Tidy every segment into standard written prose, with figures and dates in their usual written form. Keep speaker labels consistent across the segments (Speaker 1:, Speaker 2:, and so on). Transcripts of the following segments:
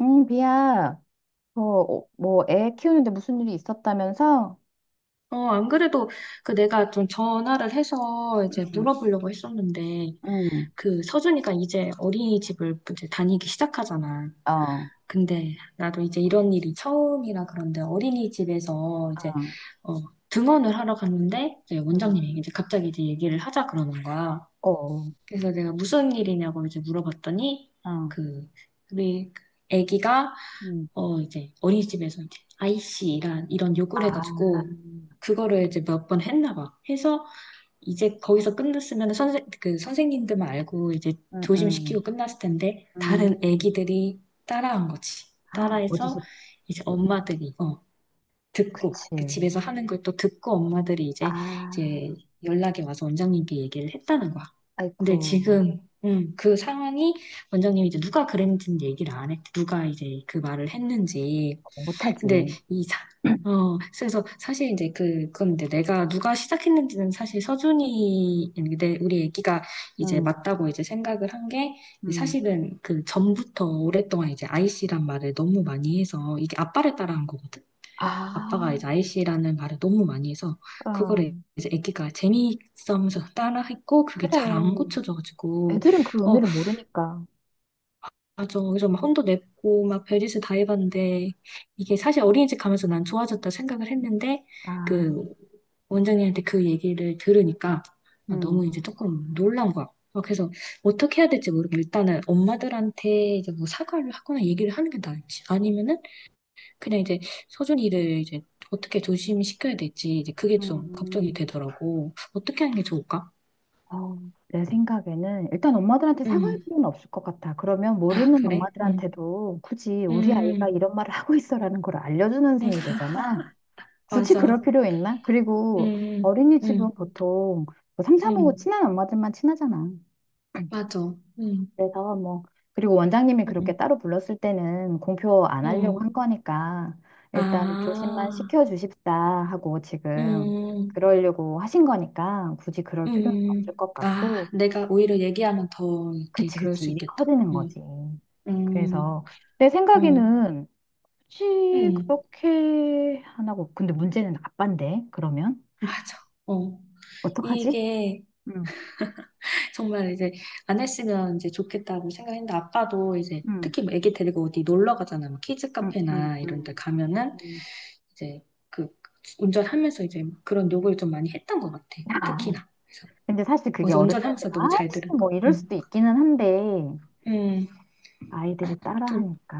Speaker 1: 응, 비야. 어, 어, 뭐, 애 키우는데 무슨 일이 있었다면서?
Speaker 2: 안 그래도 그 내가 좀 전화를 해서 이제
Speaker 1: 응,
Speaker 2: 물어보려고 했었는데,
Speaker 1: 응,
Speaker 2: 그 서준이가 이제 어린이집을 이제 다니기 시작하잖아.
Speaker 1: 어, 어,
Speaker 2: 근데 나도 이제 이런 일이 처음이라. 그런데 어린이집에서 이제 어, 등원을 하러 갔는데 이제
Speaker 1: 응,
Speaker 2: 원장님이 이제 갑자기 이제 얘기를 하자 그러는 거야.
Speaker 1: 어, 어,
Speaker 2: 그래서 내가 무슨 일이냐고 이제 물어봤더니, 그 우리 애기가
Speaker 1: 응,
Speaker 2: 이제 어린이집에서 이제 아이씨란 이런 요구를
Speaker 1: 아,
Speaker 2: 해가지고 그거를 이제 몇 번 했나 봐. 해서 이제 거기서 끝났으면 선생 그 선생님들만 알고 이제
Speaker 1: 응,
Speaker 2: 조심시키고
Speaker 1: 응,
Speaker 2: 끝났을 텐데, 다른
Speaker 1: 응.
Speaker 2: 애기들이 따라한 거지.
Speaker 1: 아,
Speaker 2: 따라해서
Speaker 1: 어디서,
Speaker 2: 이제 엄마들이 듣고,
Speaker 1: 그치.
Speaker 2: 그 집에서 하는 걸 또 듣고 엄마들이 이제
Speaker 1: 아,
Speaker 2: 이제 연락이 와서 원장님께 얘기를 했다는 거야.
Speaker 1: 아이쿠,
Speaker 2: 근데 지금 그 상황이 원장님이 이제 누가 그랬는지는 얘기를 안 했대. 누가 이제 그 말을 했는지. 근데
Speaker 1: 못하지.
Speaker 2: 이 사, 그래서 사실 이제 그건데, 내가 누가 시작했는지는 사실 서준이, 우리 애기가 이제
Speaker 1: 응,
Speaker 2: 맞다고 이제 생각을 한 게,
Speaker 1: 응.
Speaker 2: 사실은 그 전부터 오랫동안 이제 아이씨란 말을 너무 많이 해서, 이게 아빠를 따라한 거거든?
Speaker 1: 아,
Speaker 2: 아빠가 이제 아이씨라는 말을 너무 많이 해서,
Speaker 1: 어,
Speaker 2: 그거를 이제 애기가 재미있어 하면서 따라했고, 그게 잘
Speaker 1: 그래.
Speaker 2: 안 고쳐져가지고,
Speaker 1: 애들은 그
Speaker 2: 어,
Speaker 1: 의미를 모르니까.
Speaker 2: 맞아. 그래서 막 혼도 냈고, 막 별짓을 다 해봤는데, 이게 사실 어린이집 가면서 난 좋아졌다 생각을 했는데,
Speaker 1: 아,
Speaker 2: 그 원장님한테 그 얘기를 들으니까, 아,
Speaker 1: 응,
Speaker 2: 너무 이제 조금 놀란 거야. 그래서 어떻게 해야 될지 모르고, 일단은 엄마들한테 이제 뭐 사과를 하거나 얘기를 하는 게 나을지, 아니면은 그냥 이제 서준이를 이제 어떻게 조심시켜야 될지, 이제 그게 좀 걱정이
Speaker 1: 응.
Speaker 2: 되더라고. 어떻게 하는 게 좋을까?
Speaker 1: 어, 내 생각에는 일단 엄마들한테 사과할
Speaker 2: 음.
Speaker 1: 필요는 없을 것 같아. 그러면
Speaker 2: 아,
Speaker 1: 모르는
Speaker 2: 그래? 음.
Speaker 1: 엄마들한테도 굳이 우리 아이가
Speaker 2: 음.
Speaker 1: 이런 말을 하고 있어라는 걸 알려주는
Speaker 2: 음.
Speaker 1: 셈이 되잖아. 굳이 그럴
Speaker 2: 맞아.
Speaker 1: 필요 있나? 그리고
Speaker 2: 음. 음.
Speaker 1: 어린이집은
Speaker 2: 음.
Speaker 1: 보통 뭐 삼삼오오
Speaker 2: 응,
Speaker 1: 친한 엄마들만 친하잖아.
Speaker 2: 맞아. 응,
Speaker 1: 그래서 뭐 그리고 원장님이
Speaker 2: 응,
Speaker 1: 그렇게 따로 불렀을 때는 공표 안 하려고
Speaker 2: 응.
Speaker 1: 한 거니까 일단 조심만
Speaker 2: 아,
Speaker 1: 시켜주십사 하고 지금
Speaker 2: 음.
Speaker 1: 그러려고 하신 거니까 굳이 그럴 필요는
Speaker 2: 음.
Speaker 1: 없을 것
Speaker 2: 아,
Speaker 1: 같고.
Speaker 2: 내가 오히려 얘기하면 더 이렇게
Speaker 1: 그치,
Speaker 2: 그럴
Speaker 1: 그치.
Speaker 2: 수
Speaker 1: 일이
Speaker 2: 있겠다.
Speaker 1: 커지는
Speaker 2: 응.
Speaker 1: 거지.
Speaker 2: 응.
Speaker 1: 그래서 내
Speaker 2: 응,
Speaker 1: 생각에는 굳이
Speaker 2: 응,
Speaker 1: 그렇게 안 하고, 근데 문제는 아빠인데, 그러면?
Speaker 2: 맞아. 어.
Speaker 1: 어떡하지?
Speaker 2: 이게
Speaker 1: 응,
Speaker 2: 정말 이제 안 했으면 이제 좋겠다고 생각했는데, 아빠도 이제
Speaker 1: 응,
Speaker 2: 특히 뭐 애기 데리고 어디 놀러 가잖아. 뭐 키즈
Speaker 1: 응, 응,
Speaker 2: 카페나 이런 데
Speaker 1: 응.
Speaker 2: 가면은
Speaker 1: 응.
Speaker 2: 이제 그 운전하면서 이제 그런 욕을 좀 많이 했던 것 같아.
Speaker 1: 아,
Speaker 2: 특히나.
Speaker 1: 근데 사실
Speaker 2: 그래
Speaker 1: 그게
Speaker 2: 서
Speaker 1: 어른들한테는
Speaker 2: 운전하면서 너무 잘
Speaker 1: 아이씨
Speaker 2: 들은 거.
Speaker 1: 뭐 이럴 수도
Speaker 2: 음.
Speaker 1: 있기는 한데
Speaker 2: 음.
Speaker 1: 아이들이
Speaker 2: 또,
Speaker 1: 따라하니까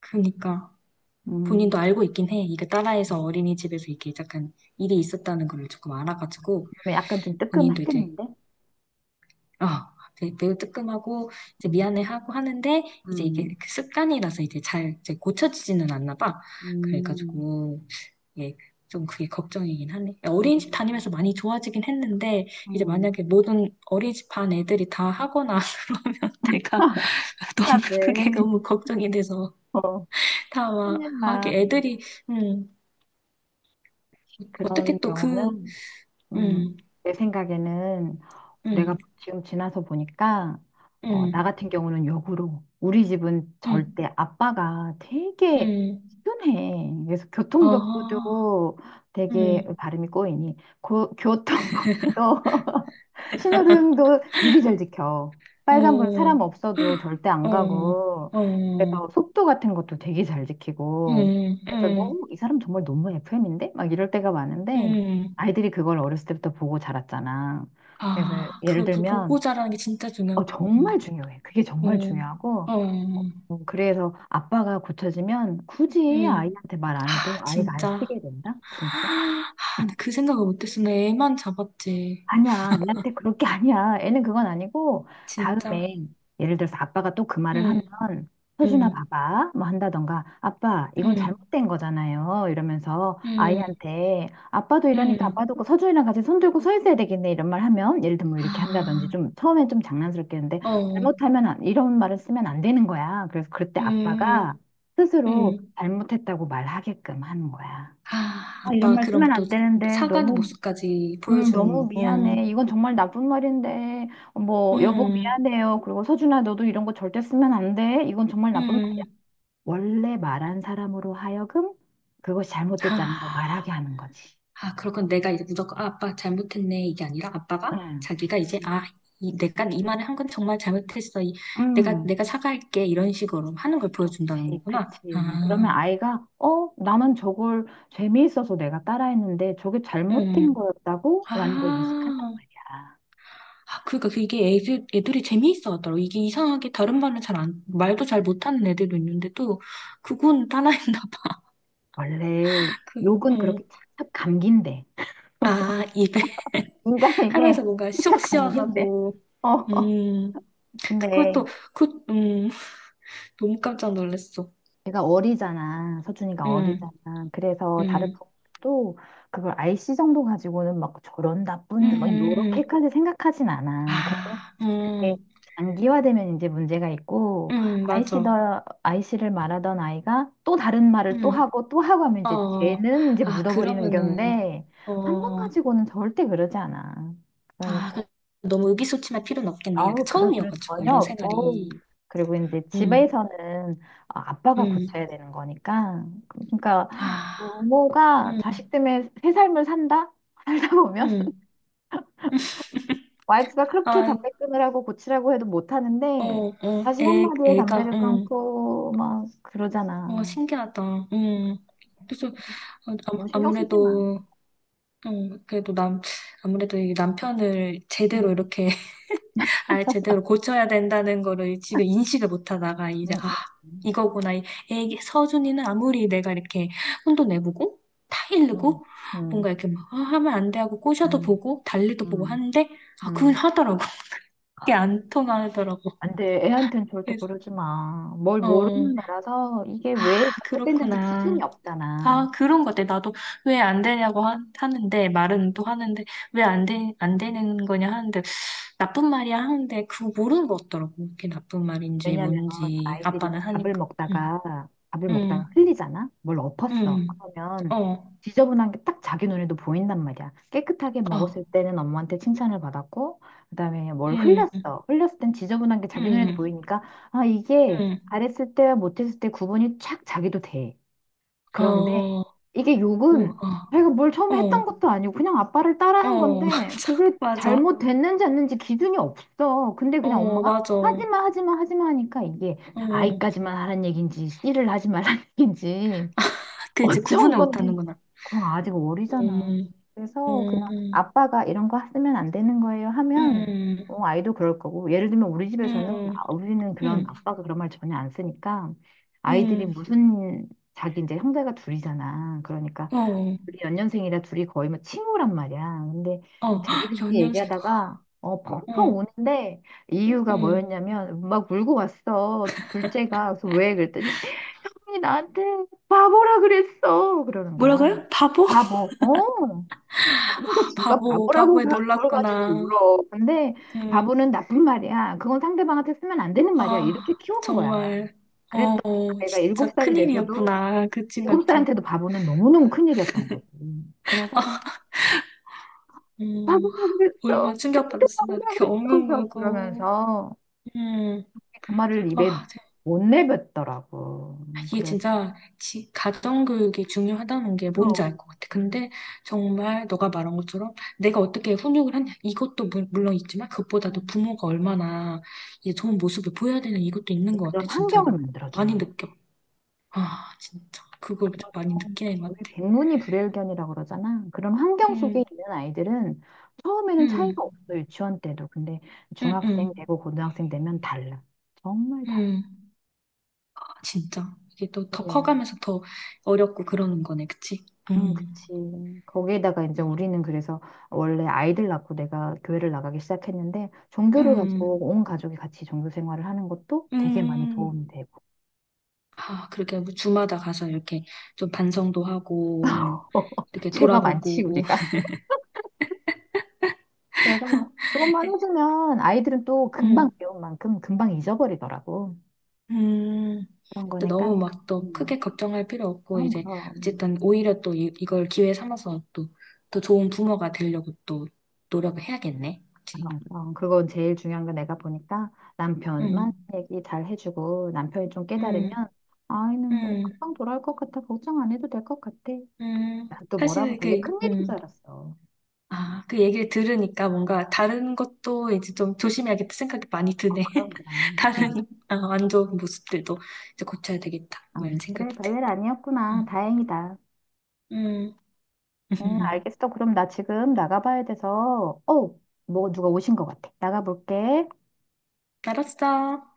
Speaker 2: 그니까. 본인도
Speaker 1: 음,
Speaker 2: 알고 있긴 해. 이게 딸아이에서
Speaker 1: 음.
Speaker 2: 어린이집에서 이게 약간 일이 있었다는 걸 조금 알아가지고,
Speaker 1: 그러면 약간 좀
Speaker 2: 본인도 이제,
Speaker 1: 뜨끔했겠는데?
Speaker 2: 아, 되게 매우 뜨끔하고, 이제
Speaker 1: 음,
Speaker 2: 미안해하고 하는데, 이제 이게
Speaker 1: 음,
Speaker 2: 그 습관이라서 이제 잘 이제 고쳐지지는 않나 봐.
Speaker 1: 음,
Speaker 2: 그래가지고, 예, 좀 그게 걱정이긴 하네. 어린이집
Speaker 1: 음,
Speaker 2: 다니면서 많이 좋아지긴 했는데, 이제
Speaker 1: 음.
Speaker 2: 만약에 모든 어린이집 반 애들이 다 하거나, 내가
Speaker 1: 아,
Speaker 2: 너무 그게
Speaker 1: 네.
Speaker 2: 너무 걱정이 돼서.
Speaker 1: 어,
Speaker 2: 다 막,
Speaker 1: 큰일
Speaker 2: 하기
Speaker 1: 나.
Speaker 2: 애들이, 음,
Speaker 1: 그런
Speaker 2: 어떻게 또 그,
Speaker 1: 경우는 음,
Speaker 2: 음.
Speaker 1: 내 생각에는 내가
Speaker 2: 음.
Speaker 1: 지금 지나서 보니까 어, 나
Speaker 2: 음.
Speaker 1: 같은 경우는 역으로 우리 집은
Speaker 2: 음.
Speaker 1: 절대 아빠가 되게
Speaker 2: 음.
Speaker 1: 시원해. 그래서
Speaker 2: 아,
Speaker 1: 교통법부도 되게
Speaker 2: 음.
Speaker 1: 발음이 꼬이니 고, 교통법부도 신호등도 되게 잘 지켜.
Speaker 2: 어.
Speaker 1: 빨간불
Speaker 2: 어.
Speaker 1: 사람 없어도 절대 안 가고.
Speaker 2: 어.
Speaker 1: 그래서
Speaker 2: 음.
Speaker 1: 속도 같은 것도 되게 잘 지키고.
Speaker 2: 음.
Speaker 1: 그래서 너무, 이 사람 정말 너무 FM인데? 막 이럴 때가 많은데,
Speaker 2: 음.
Speaker 1: 아이들이 그걸 어렸을 때부터 보고 자랐잖아. 그래서
Speaker 2: 아,
Speaker 1: 예를 들면,
Speaker 2: 보고 자라는 게 진짜
Speaker 1: 어,
Speaker 2: 중요하고,
Speaker 1: 정말 중요해. 그게 정말
Speaker 2: 음,
Speaker 1: 중요하고.
Speaker 2: 어,
Speaker 1: 그래서 아빠가 고쳐지면 굳이
Speaker 2: 음,
Speaker 1: 아이한테 말 안 해도
Speaker 2: 아,
Speaker 1: 아이가 안
Speaker 2: 진짜.
Speaker 1: 쓰게 된다? 진짜?
Speaker 2: 아, 그 생각을 못했어. 내 애만 잡았지.
Speaker 1: 아니야, 애한테 그럴 게 아니야. 애는 그건 아니고,
Speaker 2: 진짜.
Speaker 1: 다음에, 예를 들어서 아빠가 또 그 말을 하면,
Speaker 2: 응.
Speaker 1: 서준아,
Speaker 2: 응.
Speaker 1: 봐봐. 뭐 한다던가, 아빠, 이건
Speaker 2: 응.
Speaker 1: 잘못된 거잖아요. 이러면서
Speaker 2: 응.
Speaker 1: 아이한테, 아빠도 이러니까
Speaker 2: 음.
Speaker 1: 아빠도 그 서준이랑 같이 손 들고 서 있어야 되겠네. 이런 말 하면, 예를 들면 뭐 이렇게 한다든지,
Speaker 2: 아,
Speaker 1: 좀, 처음엔 좀 장난스럽게 했는데,
Speaker 2: 어,
Speaker 1: 잘못하면, 이런 말을 쓰면 안 되는 거야. 그래서 그때 아빠가
Speaker 2: 음.
Speaker 1: 스스로
Speaker 2: 음.
Speaker 1: 잘못했다고 말하게끔 하는 거야.
Speaker 2: 아,
Speaker 1: 아, 이런
Speaker 2: 아빠가
Speaker 1: 말
Speaker 2: 그럼
Speaker 1: 쓰면
Speaker 2: 또
Speaker 1: 안 되는데,
Speaker 2: 사과의
Speaker 1: 너무
Speaker 2: 모습까지
Speaker 1: 너무
Speaker 2: 보여주는구나. 어,
Speaker 1: 미안해. 이건 정말 나쁜 말인데, 뭐, 여보
Speaker 2: 음.
Speaker 1: 미안해요. 그리고 서준아, 너도 이런 거 절대 쓰면 안 돼. 이건 정말 나쁜 말이야.
Speaker 2: 음.
Speaker 1: 원래 말한 사람으로 하여금 그것이 잘못됐다는 걸 말하게
Speaker 2: 아,
Speaker 1: 하는 거지.
Speaker 2: 아, 그렇군. 내가 이제 무조건, 아, 아빠 잘못했네, 이게 아니라 아빠가
Speaker 1: 응,
Speaker 2: 자기가 이제,
Speaker 1: 그치.
Speaker 2: 아, 내가 이 말을 한 건 정말 잘못했어. 이, 내가,
Speaker 1: 음,
Speaker 2: 내가 사과할게. 이런 식으로 하는 걸 보여준다는
Speaker 1: 그렇지,
Speaker 2: 거구나.
Speaker 1: 그치. 그러면
Speaker 2: 아,
Speaker 1: 아이가, 어, 나는 저걸 재미있어서 내가 따라했는데 저게 잘못된
Speaker 2: 음.
Speaker 1: 거였다고? 라는 걸 인식한단
Speaker 2: 아,
Speaker 1: 말이야.
Speaker 2: 아, 그러니까 그게 애들, 애들이 재미있어 하더라고. 이게 이상하게 다른 말은 잘 안, 말도 잘 못하는 애들도 있는데도 그건 하나였나 봐.
Speaker 1: 원래
Speaker 2: 그,
Speaker 1: 욕은 그렇게
Speaker 2: 어.
Speaker 1: 착착 감긴대.
Speaker 2: 아, 입에
Speaker 1: 인간에 이게
Speaker 2: 하면서 뭔가 속
Speaker 1: 살짝 감기인데.
Speaker 2: 시원하고,
Speaker 1: 어, 어.
Speaker 2: 음,
Speaker 1: 근데
Speaker 2: 그것도, 그, 너무 깜짝 놀랐어.
Speaker 1: 제가 어리잖아. 서준이가
Speaker 2: 음.
Speaker 1: 어리잖아. 그래서 다른
Speaker 2: 음.
Speaker 1: 부모도 그걸 IC 정도 가지고는 막 저런 나쁜, 막
Speaker 2: 음.
Speaker 1: 이렇게까지 생각하진 않아. 근데
Speaker 2: 아,
Speaker 1: 그게
Speaker 2: 음.
Speaker 1: 장기화되면 이제 문제가 있고,
Speaker 2: 음. 맞아.
Speaker 1: IC더, 이씨를 말하던 아이가 또 다른 말을 또
Speaker 2: 음.
Speaker 1: 하고 또 하고 하면 이제
Speaker 2: 어,
Speaker 1: 쟤는 이제
Speaker 2: 아,
Speaker 1: 묻어버리는
Speaker 2: 그러면은,
Speaker 1: 건데, 한 번
Speaker 2: 어,
Speaker 1: 가지고는 절대 그러지 않아.
Speaker 2: 아,
Speaker 1: 그러니까.
Speaker 2: 그- 너무 의기소침할 필요는 없겠네. 약간
Speaker 1: 아우, 그럴 필요
Speaker 2: 처음이어가지고,
Speaker 1: 전혀
Speaker 2: 이런 생활이.
Speaker 1: 없고. 그리고 이제
Speaker 2: 응.
Speaker 1: 집에서는 아, 아빠가
Speaker 2: 응.
Speaker 1: 고쳐야 되는 거니까. 그러니까
Speaker 2: 아,
Speaker 1: 부모가
Speaker 2: 응,
Speaker 1: 자식 때문에 새 삶을 산다? 살다 보면
Speaker 2: 응.
Speaker 1: 와이프가 그렇게
Speaker 2: 아,
Speaker 1: 담배 끊으라고 고치라고 해도 못
Speaker 2: 어,
Speaker 1: 하는데
Speaker 2: 어,
Speaker 1: 자식
Speaker 2: 애,
Speaker 1: 한마디에
Speaker 2: 애가,
Speaker 1: 담배를
Speaker 2: 응.
Speaker 1: 끊고 막
Speaker 2: 와,
Speaker 1: 그러잖아.
Speaker 2: 신기하다. 응. 그래서, 어,
Speaker 1: 너무 신경 쓰지 마.
Speaker 2: 아무래도, 응, 그래도 남, 아무래도 이 남편을 제대로
Speaker 1: 응,
Speaker 2: 이렇게, 아, 제대로 고쳐야 된다는 거를 지금 인식을 못 하다가, 이제,
Speaker 1: 응,
Speaker 2: 아,
Speaker 1: 응,
Speaker 2: 이거구나. 이 애기, 서준이는 아무리 내가 이렇게 혼도 내보고,
Speaker 1: 응,
Speaker 2: 타이르고,
Speaker 1: 응,
Speaker 2: 뭔가 이렇게 막, 아, 하면 안 돼 하고 꼬셔도
Speaker 1: 응,
Speaker 2: 보고, 달래도 보고
Speaker 1: 응,
Speaker 2: 하는데, 아, 그걸
Speaker 1: 응.
Speaker 2: 하더라고. 그게 안 통하더라고.
Speaker 1: 안 돼. 애한텐 절대
Speaker 2: 그래서,
Speaker 1: 그러지 마. 뭘
Speaker 2: 어,
Speaker 1: 모르는 애라서 이게 왜
Speaker 2: 아,
Speaker 1: 잘못됐는지 기준이
Speaker 2: 그렇구나.
Speaker 1: 없잖아.
Speaker 2: 아, 그런 것 같아. 나도 왜 안 되냐고 하, 는데 말은 또 하는데, 왜 안 되, 안 되는 거냐 하는데, 나쁜 말이야 하는데, 그거 모르는 것 같더라고. 그게 나쁜 말인지
Speaker 1: 왜냐면
Speaker 2: 뭔지, 아빠는
Speaker 1: 아이들이
Speaker 2: 하니까. 응.
Speaker 1: 밥을
Speaker 2: 응.
Speaker 1: 먹다가 흘리잖아. 뭘 엎었어.
Speaker 2: 응.
Speaker 1: 그러면
Speaker 2: 어.
Speaker 1: 지저분한 게 딱 자기 눈에도 보인단 말이야. 깨끗하게
Speaker 2: 어.
Speaker 1: 먹었을 때는 엄마한테 칭찬을 받았고, 그다음에 뭘
Speaker 2: 응.
Speaker 1: 흘렸어. 흘렸을 땐 지저분한 게 자기 눈에도
Speaker 2: 응.
Speaker 1: 보이니까 아 이게
Speaker 2: 응.
Speaker 1: 잘했을 때와 못했을 때 구분이 쫙 자기도 돼.
Speaker 2: 어.
Speaker 1: 그런데 이게
Speaker 2: 오.
Speaker 1: 욕은
Speaker 2: 어.
Speaker 1: 자기가 뭘 처음에 했던
Speaker 2: 어.
Speaker 1: 것도 아니고 그냥 아빠를 따라한
Speaker 2: 어.
Speaker 1: 건데
Speaker 2: 맞아,
Speaker 1: 그게
Speaker 2: 맞아,
Speaker 1: 잘못됐는지 않는지 기준이 없어. 근데 그냥
Speaker 2: 어,
Speaker 1: 엄마가
Speaker 2: 맞아,
Speaker 1: 하지마 하지마 하지마 하니까 이게
Speaker 2: 어.
Speaker 1: 아이까지만 하란 얘기인지 씨를 하지 말란 얘기인지
Speaker 2: 그 이제
Speaker 1: 어떤
Speaker 2: 구분을
Speaker 1: 건지
Speaker 2: 못하는구나.
Speaker 1: 그거 아직 어리잖아.
Speaker 2: 음.
Speaker 1: 그래서 그냥
Speaker 2: 음.
Speaker 1: 아빠가 이런 거 쓰면 안 되는 거예요 하면
Speaker 2: 음.
Speaker 1: 어, 아이도 그럴 거고 예를 들면 우리 집에서는
Speaker 2: 음.
Speaker 1: 아, 우리는 그런
Speaker 2: 음.
Speaker 1: 아빠가 그런 말 전혀 안 쓰니까 아이들이
Speaker 2: 음.
Speaker 1: 무슨 자기 이제 형제가 둘이잖아. 그러니까
Speaker 2: 어.
Speaker 1: 둘이 연년생이라 둘이 거의 뭐 친구란 말이야. 근데
Speaker 2: 어.
Speaker 1: 자기들끼리
Speaker 2: 연년생.
Speaker 1: 얘기하다가 어, 펑펑
Speaker 2: 응.
Speaker 1: 우는데 이유가
Speaker 2: 응.
Speaker 1: 뭐였냐면 막 울고 왔어. 둘째가 그래서 왜 그랬더니 형이 나한테 바보라 그랬어. 그러는 거야.
Speaker 2: 뭐라고요? 바보?
Speaker 1: 바보. 어. 근데
Speaker 2: 아,
Speaker 1: 지가
Speaker 2: 바보,
Speaker 1: 바보라고
Speaker 2: 바보에
Speaker 1: 그걸 가지고
Speaker 2: 놀랐구나.
Speaker 1: 울어. 근데
Speaker 2: 응.
Speaker 1: 바보는 나쁜 말이야. 그건 상대방한테 쓰면 안 되는 말이야. 이렇게
Speaker 2: 아,
Speaker 1: 키운 거야.
Speaker 2: 정말. 어,
Speaker 1: 그랬더니
Speaker 2: 어,
Speaker 1: 그 애가
Speaker 2: 진짜
Speaker 1: 일곱 살이 돼서도
Speaker 2: 큰일이었구나. 그 친
Speaker 1: 일곱
Speaker 2: 같은.
Speaker 1: 살한테도 바보는 너무너무 큰일이었던 거지. 그래서
Speaker 2: 음,
Speaker 1: 바보라고
Speaker 2: 얼마나
Speaker 1: 그랬어. 나한테
Speaker 2: 충격받았으면
Speaker 1: 바보라고
Speaker 2: 그렇게 엉엉
Speaker 1: 그랬어.
Speaker 2: 울고.
Speaker 1: 그러면서
Speaker 2: 음,
Speaker 1: 그 말을
Speaker 2: 아,
Speaker 1: 입에 못 내뱉더라고.
Speaker 2: 이게
Speaker 1: 그래,
Speaker 2: 진짜 가정교육이 중요하다는 게 뭔지 알
Speaker 1: 그럼.
Speaker 2: 것 같아.
Speaker 1: 음,
Speaker 2: 근데 정말 너가 말한 것처럼 내가 어떻게 훈육을 하냐 이것도 물론 있지만, 그것보다도
Speaker 1: 음.
Speaker 2: 부모가 얼마나 이제 좋은 모습을 보여야 되는 이것도 있는 것 같아.
Speaker 1: 그런 환경을
Speaker 2: 진짜로 많이
Speaker 1: 만들어주는 거.
Speaker 2: 느껴. 아, 진짜 그걸 좀 많이 느끼는 것
Speaker 1: 우리
Speaker 2: 같아.
Speaker 1: 백문이 불여일견이라고 그러잖아. 그런 환경 속에
Speaker 2: 음.
Speaker 1: 있는 아이들은 처음에는
Speaker 2: 음.
Speaker 1: 차이가 없어, 유치원 때도. 근데
Speaker 2: 음.
Speaker 1: 중학생
Speaker 2: 음.
Speaker 1: 되고 고등학생 되면 달라. 정말 달라.
Speaker 2: 음. 아, 진짜 이게 또 더
Speaker 1: 그래.
Speaker 2: 커가면서 더 어렵고 그러는 거네, 그치? 음.
Speaker 1: 그치. 거기에다가 이제 우리는 그래서 원래 아이들 낳고 내가 교회를 나가기 시작했는데 종교를 가지고
Speaker 2: 음.
Speaker 1: 온 가족이 같이 종교 생활을 하는 것도 되게 많이
Speaker 2: 음.
Speaker 1: 도움이 되고
Speaker 2: 아, 그렇게 뭐 주마다 가서 이렇게 좀 반성도 하고, 뭐 이렇게
Speaker 1: 죄가 많지
Speaker 2: 돌아보고,
Speaker 1: 우리가. 그래서 그것만 해주면 아이들은 또 금방
Speaker 2: 음.
Speaker 1: 배운 만큼 금방 잊어버리더라고.
Speaker 2: 음.
Speaker 1: 그런
Speaker 2: 근데
Speaker 1: 거니까.
Speaker 2: 너무 막 또
Speaker 1: 음,
Speaker 2: 크게 걱정할 필요 없고,
Speaker 1: 그럼
Speaker 2: 이제
Speaker 1: 그럼.
Speaker 2: 어쨌든 오히려 또 이, 이걸 기회 삼아서 또 더 좋은 부모가 되려고 또 노력을 해야겠네. 그치?
Speaker 1: 어, 어, 그건 제일 중요한 거 내가 보니까 남편만
Speaker 2: 음.
Speaker 1: 얘기 잘 해주고 남편이 좀 깨달으면
Speaker 2: 음.
Speaker 1: 아이는 뭐
Speaker 2: 음.
Speaker 1: 금방 돌아올 것 같아 걱정 안 해도 될 것 같아
Speaker 2: 음.
Speaker 1: 난 또 뭐라고
Speaker 2: 사실
Speaker 1: 되게
Speaker 2: 그,
Speaker 1: 큰일인 줄 알았어
Speaker 2: 아, 그 얘기를 들으니까 뭔가 다른 것도 이제 좀 조심해야겠다 생각이 많이
Speaker 1: 어
Speaker 2: 드네.
Speaker 1: 그럼 그럼
Speaker 2: 다른 어, 안 좋은 모습들도 이제 고쳐야 되겠다.
Speaker 1: 어,
Speaker 2: 뭐 이런 생각이
Speaker 1: 그래 별일
Speaker 2: 든다. 음.
Speaker 1: 아니었구나 다행이다
Speaker 2: 음.
Speaker 1: 응 알겠어 그럼 나 지금 나가봐야 돼서 어뭐 누가 오신 것 같아 나가볼게
Speaker 2: 알았어.